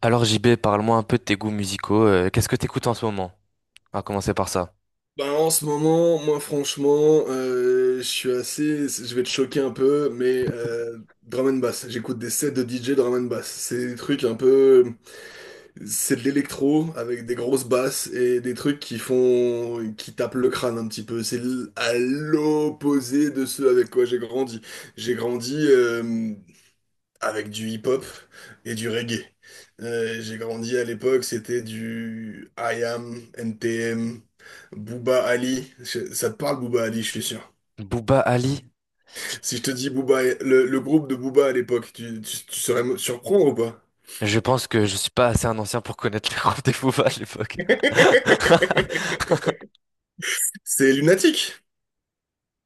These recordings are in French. Alors JB, parle-moi un peu de tes goûts musicaux. Qu'est-ce que t'écoutes en ce moment? On va commencer par ça. Ben, en ce moment, moi franchement, je vais te choquer un peu, mais drum and bass. J'écoute des sets de DJ drum and bass. C'est des trucs un peu, c'est de l'électro avec des grosses basses et des trucs qui font, qui tapent le crâne un petit peu. À l'opposé de ce avec quoi j'ai grandi. J'ai grandi. Avec du hip-hop et du reggae. J'ai grandi à l'époque, c'était du IAM, NTM, Booba Ali. Ça te parle Booba Ali, je suis sûr. Booba Ali? Si je te dis Booba, le groupe de Booba à l'époque, tu saurais me surprendre ou pas? Je pense que je suis pas assez un ancien pour connaître les groupes des Booba à l'époque. C'est lunatique.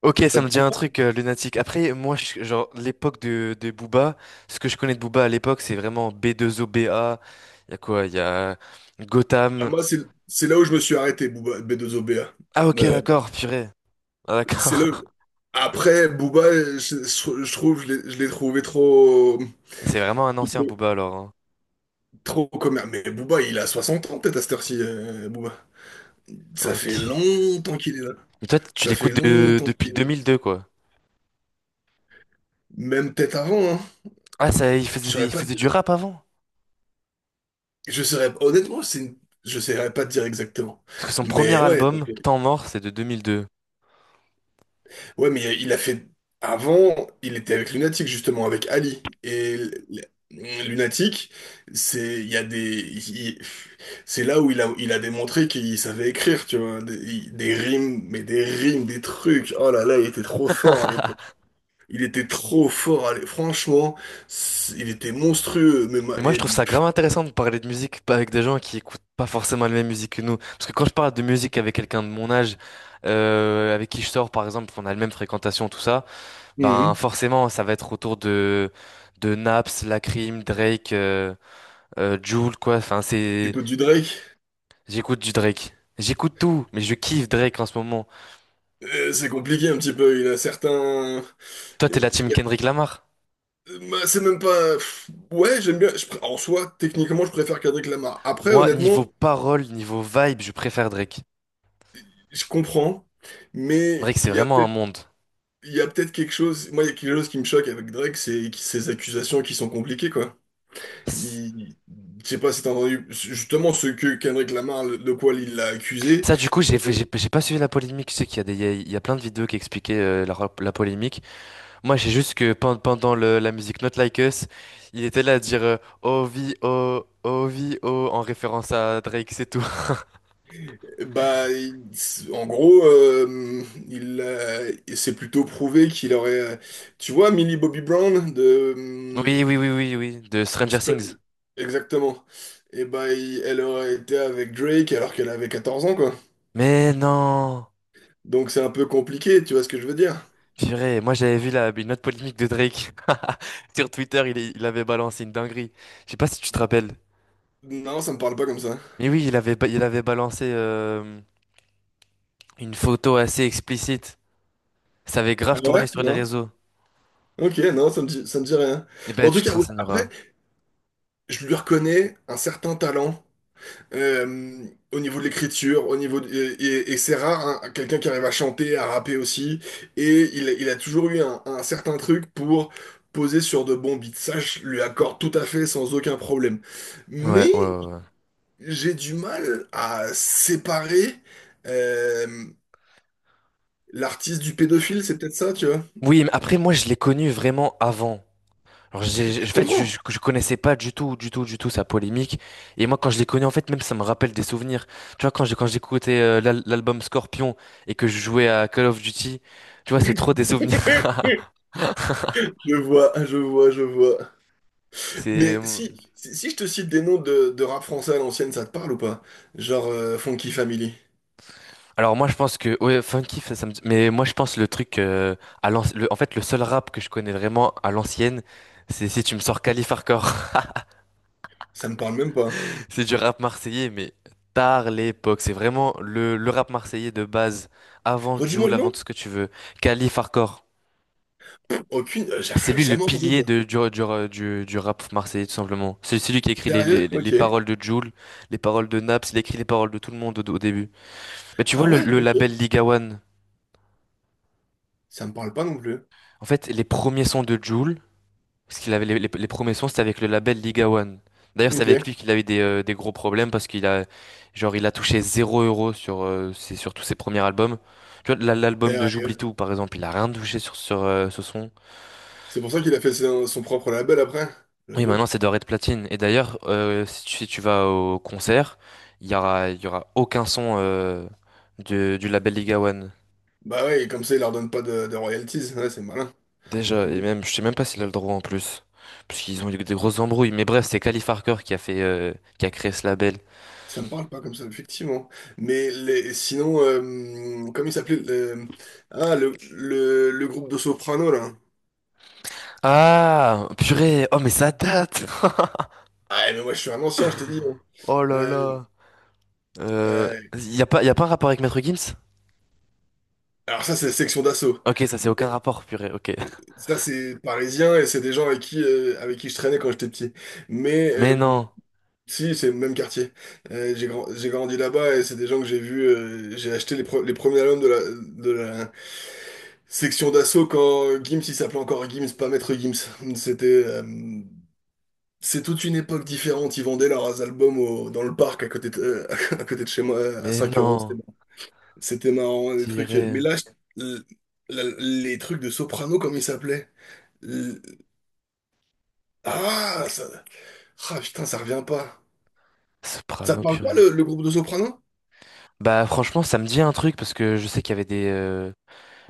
Ok, Ça ça me te dit un parle truc lunatique. Après, moi, genre l'époque de Booba, ce que je connais de Booba à l'époque, c'est vraiment B2OBA. Il y a quoi? Il y a pas. Bah, Gotham. moi, c'est là où je me suis arrêté, Booba, B2OBA. Ah, ok, Euh, d'accord, purée. Ah, c'est d'accord. là. Après, Booba, je trouve, je l'ai trouvé trop. C'est vraiment un ancien Booba alors, hein. Trop commun. Mais Booba, il a 60 ans peut-être à cette heure-ci, Booba. Ça Ok. fait longtemps qu'il est là. Mais toi, tu Ça fait l'écoutes longtemps depuis qu'il est là. 2002, quoi. Même peut-être avant, hein. Ah ça, il Je faisait, saurais il pas faisait dire. du rap avant? Je saurais... Honnêtement, je saurais pas dire exactement. Parce que son premier Mais ouais, ça album, fait- Temps mort, c'est de 2002. ouais, mais il a fait... Avant, il était avec Lunatic, justement, avec Ali. Lunatic, c'est... Il y a des... il- C'est là où il a démontré qu'il savait écrire, tu vois. Des rimes, mais des rimes, des trucs. Oh là là, il était trop fort à l'époque. Il était trop fort, allez, franchement, il était monstrueux, Et moi, je trouve ça grave intéressant de parler de musique pas avec des gens qui écoutent pas forcément la même musique que nous. Parce que quand je parle de musique avec quelqu'un de mon âge, avec qui je sors, par exemple, on a la même fréquentation, tout ça, ben hum, forcément, ça va être autour de Naps, Lacrim, Drake, Jul, quoi. Enfin, c'est t'écoutes du Drake, j'écoute du Drake. J'écoute tout, mais je kiffe Drake en ce moment. C'est compliqué un petit peu, il a certains... Toi, t'es la il team y a- Kendrick Lamar. bah, c'est même pas... ouais, j'aime bien, en soi, techniquement, je préfère Kendrick Lamar. Après, Moi, honnêtement, niveau parole, niveau vibe, je préfère Drake. je comprends, mais Drake, c'est il y a vraiment un peut-être monde. il y a peut-être quelque chose... Moi, il y a quelque chose qui me choque avec Drake, c'est ses accusations qui sont compliquées, quoi. Ça, Il... Je sais pas si t'as entendu, justement, ce que Kendrick Lamar, de quoi il l'a accusé. du coup, j'ai pas suivi la polémique. Je sais qu'il y a des, il y a plein de vidéos qui expliquaient la polémique. Moi, j'ai juste que pendant la musique Not Like Us, il était là à dire oh vie, oh, en référence à Drake, c'est tout. Bah, il- En gros, il s'est plutôt prouvé qu'il aurait, tu vois, Millie Bobby Brown, Oui, oui, oui, oui, oui, de Stranger Stra- Things. exactement. Et bah, elle aurait été avec Drake alors qu'elle avait 14 ans, quoi. Mais non! Donc c'est un peu compliqué, tu vois ce que je veux dire? Purée, moi j'avais vu une autre polémique de Drake. Sur Twitter, il avait balancé une dinguerie. Je sais pas si tu te rappelles. Non, ça me parle pas comme ça. Mais oui, il avait balancé une photo assez explicite. Ça avait Ah grave ouais? tourné sur les Non? réseaux. Ok, non, ça me dit rien. Eh Mais ben, en tout tu te cas, ouais, renseigneras. après, je lui reconnais un certain talent. Au niveau de l'écriture, et c'est rare, hein, quelqu'un qui arrive à chanter, à rapper aussi, et il a toujours eu un certain truc pour poser sur de bons beats. Ça, je lui accorde tout à fait sans aucun problème. Ouais, ouais, Mais ouais, ouais. j'ai du mal à séparer euh, l'artiste du pédophile, c'est peut-être ça, tu vois. Oui, mais après, moi, je l'ai connu vraiment avant. Alors, Je en fait, je, je, comprends. je connaissais pas du tout, du tout, du tout sa polémique. Et moi, quand je l'ai connu, en fait, même ça me rappelle des souvenirs. Tu vois, quand j'écoutais l'album Scorpion et que je jouais à Call of Duty, tu vois, c'est trop des souvenirs. Je vois, je vois, je vois. C'est. Mais si je te cite des noms de rap français à l'ancienne, ça te parle ou pas? Genre Funky Family. Alors moi je pense que ouais funky ça, ça me mais moi je pense le truc en fait le seul rap que je connais vraiment à l'ancienne, c'est si tu me sors Calif. Ça me parle même pas. C'est du rap marseillais, mais tard l'époque. C'est vraiment le rap marseillais de base, avant Redis-moi Jul, le avant nom? tout ce que tu veux. Khalif Hardcore. Aucune. J'ai C'est lui le jamais entendu pilier ça. de, du rap marseillais, tout simplement. C'est lui qui écrit les, les, Sérieux? les Ok. paroles de Jul, les paroles de Naps, il écrit les paroles de tout le monde au début. Mais tu vois Ah le, ouais? le Ok. label Liga One. Ça me parle pas non plus. En fait, les premiers sons de Jul, parce qu'il avait les premiers sons, c'était avec le label Liga One. D'ailleurs, c'est Ok. avec lui qu'il avait des gros problèmes parce qu'il a, genre, il a touché 0 € sur tous ses premiers albums. Tu vois, l'album de J'oublie Sérieux. tout, par exemple, il a rien touché sur ce son. C'est pour ça qu'il a fait son propre label après, Oui, j'avoue. maintenant, c'est doré de platine. Et d'ailleurs, si tu vas au concert, il y aura aucun son du label Liga One. Bah ouais, et comme ça, il leur donne pas de royalties. Ouais, c'est malin, Déjà, et j'avoue. même, je sais même pas s'il a le droit en plus. Parce qu'ils ont eu des grosses embrouilles. Mais bref, c'est Calif Harker qui a créé ce label. Ça me parle pas comme ça, effectivement. Mais les, sinon, comment il s'appelait? Ah, le groupe de Soprano, là. Ah, purée. Oh, mais ça date. Ah, mais moi, je suis un ancien, je t'ai dit, hein. Oh là Euh, là. Euh, euh, y a pas un rapport avec Maître Gims? alors ça, c'est la Section d'Assaut. Ok, ça c'est aucun rapport, purée. Ok. Ça, c'est parisien et c'est des gens avec qui je traînais quand j'étais petit. Mais Mais non. si, c'est le même quartier. J'ai grandi là-bas et c'est des gens que j'ai vus. J'ai acheté les premiers albums de de la Section d'Assaut quand Gims, il s'appelait encore Gims, pas Maître Gims. C'était, euh, c'est toute une époque différente. Ils vendaient leurs albums dans le parc à côté de, à côté de chez moi à Mais 5 euros. C'était non. marrant. C'était marrant, des trucs. Tiré. Mais là, les trucs de Soprano, comme ils s'appelaient. Ah, ça... ah, putain, ça revient pas. Ça te Soprano, parle pas purée. Le groupe de Soprano? Bah franchement, ça me dit un truc parce que je sais qu'il y avait des.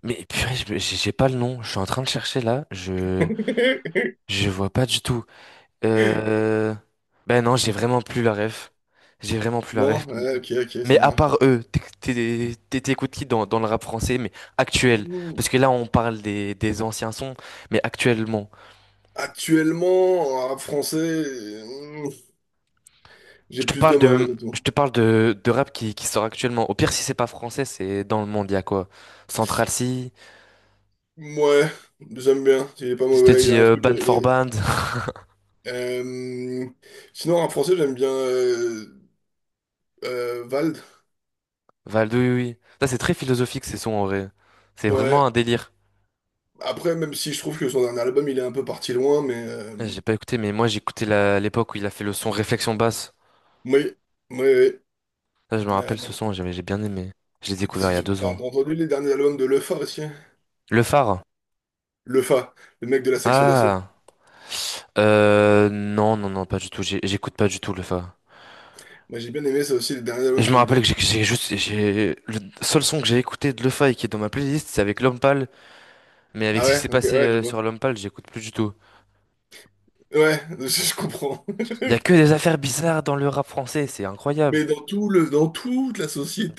Mais purée, j'ai pas le nom. Je suis en train de chercher là. Je, je vois pas du tout. Euh... Ben non, j'ai vraiment plus la ref. J'ai vraiment plus la Non? ref. Ouais, ok, ok, Mais ça à marche. part eux, t'écoutes qui dans le rap français, mais actuel? Mm. Parce que là, on parle des anciens sons, mais actuellement. Actuellement, en rap français, mm, j'ai Je te plus de parle mal, de, je honnêtement. te parle de rap qui sort actuellement. Au pire, si c'est pas français, c'est dans le monde, il y a quoi? Central C, Ouais, j'aime bien. Il est pas je te mauvais, il dis a un truc. Band for Band, a- euh, Sinon, en rap français, j'aime bien Vald. Valdo, oui, oui. Ça, c'est très philosophique, ces sons, en vrai. C'est vraiment Ouais. un délire. Après, même si je trouve que son dernier album, il est un peu parti loin, mais J'ai pas écouté, mais moi, j'ai écouté l'époque où il a fait le son Réflexion basse. oui, oui. Ça, je me Euh, rappelle ce son, j'ai bien aimé. Je l'ai découvert il y a deux T'as ans. entendu les derniers albums de Lefa aussi? Le phare? Le Fa, le mec de la Section d'Assaut. Ah, non, non, non, pas du tout. J'écoute pas du tout le phare. Moi j'ai bien aimé ça aussi, les derniers Et albums que je me j'ai rappelle bien. que j'ai le seul son que j'ai écouté de le phare et qui est dans ma playlist, c'est avec l'homme pâle. Mais avec Ah ce qui ouais, s'est ok, passé ouais, je vois. sur l'homme pâle, j'écoute plus du tout. Ouais, je comprends. Il y a que des affaires bizarres dans le rap français, c'est incroyable. Mais dans dans toute la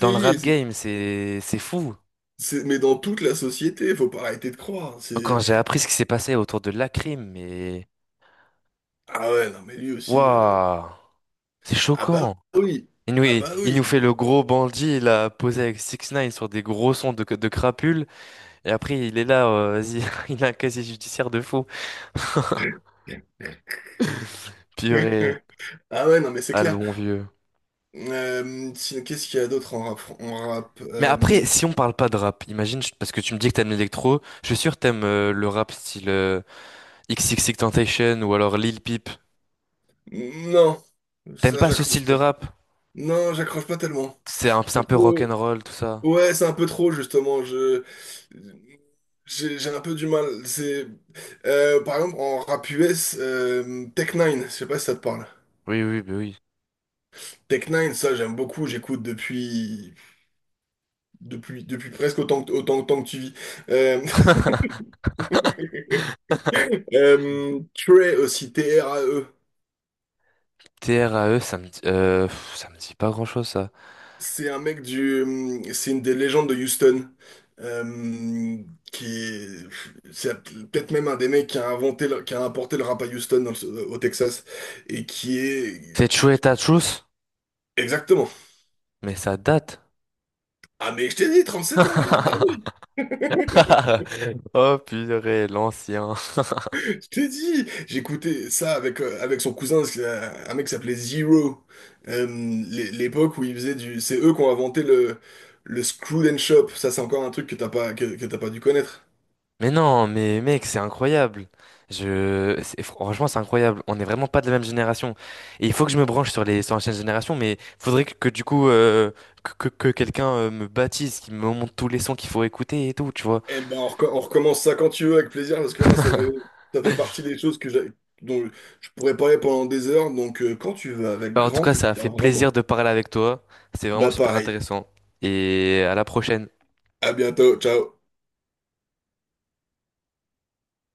Dans le rap game, c'est fou. Mais dans toute la société, faut pas arrêter de croire. Quand C'est j'ai appris ce qui s'est passé autour de Lacrim, mais ah ouais, non mais lui aussi. Waouh, c'est Ah bah choquant. oui, Et nous, ah il bah nous oui. fait le gros bandit, il a posé avec Six Nine sur des gros sons de crapules, et après il est là, vas-y, il a un casier judiciaire de fou. Purée, Ah ouais, non mais c'est ah le clair. bon vieux. Qu'est-ce qu'il y a d'autre en rap, Mais après, si on parle pas de rap, imagine, parce que tu me dis que t'aimes l'électro, je suis sûr que t'aimes le rap style XXXTentacion ou alors Lil Peep. non, T'aimes ça pas ce style j'accroche de pas. rap? Non, j'accroche pas tellement. C'est un C'est peu trop. rock'n'roll, tout ça. Ouais, c'est un peu trop justement. Je j'ai un peu du mal. C'est par exemple en rap US, Tech Nine je sais pas si ça te parle. Oui, oui, bah oui. Tech Nine ça j'aime beaucoup, j'écoute depuis depuis presque autant que autant autant que tu vis. Euh, Trey aussi, T-R-A-E. TRAE, ça me dit pas grand-chose, ça. C'est un mec du C'est une des légendes de Houston. Euh, qui est, c'est Peut-être même un des mecs qui a inventé, qui a apporté le rap à Houston, au Texas et qui est C'est True et Truth, exactement. mais ça date. Ah mais je t'ai dit, 7 ans, lui. Bah oui. Oh purée, l'ancien. Je t'ai dit, j'écoutais ça avec, avec son cousin, c'est, un mec qui s'appelait Zero. Euh, L'époque où ils faisaient du... C'est eux qui ont inventé le screw and Shop. Ça, c'est encore un truc que t'as pas, que t'as pas dû connaître. Mais non, mais mec, c'est incroyable. Franchement, c'est incroyable. On n'est vraiment pas de la même génération. Et il faut que je me branche sur l'ancienne génération, mais faudrait que du coup que quelqu'un me baptise, qu'il me montre tous les sons qu'il faut écouter et tout, tu vois. Eh ben, on recommence ça quand tu veux, avec plaisir, parce que moi, ça fait partie des choses dont je pourrais parler pendant des heures. Donc, quand tu veux, avec Bah en tout grand cas, ça a fait plaisir, plaisir vraiment. de parler avec toi. C'est vraiment Bah super pareil. intéressant. Et à la prochaine. À bientôt. Ciao.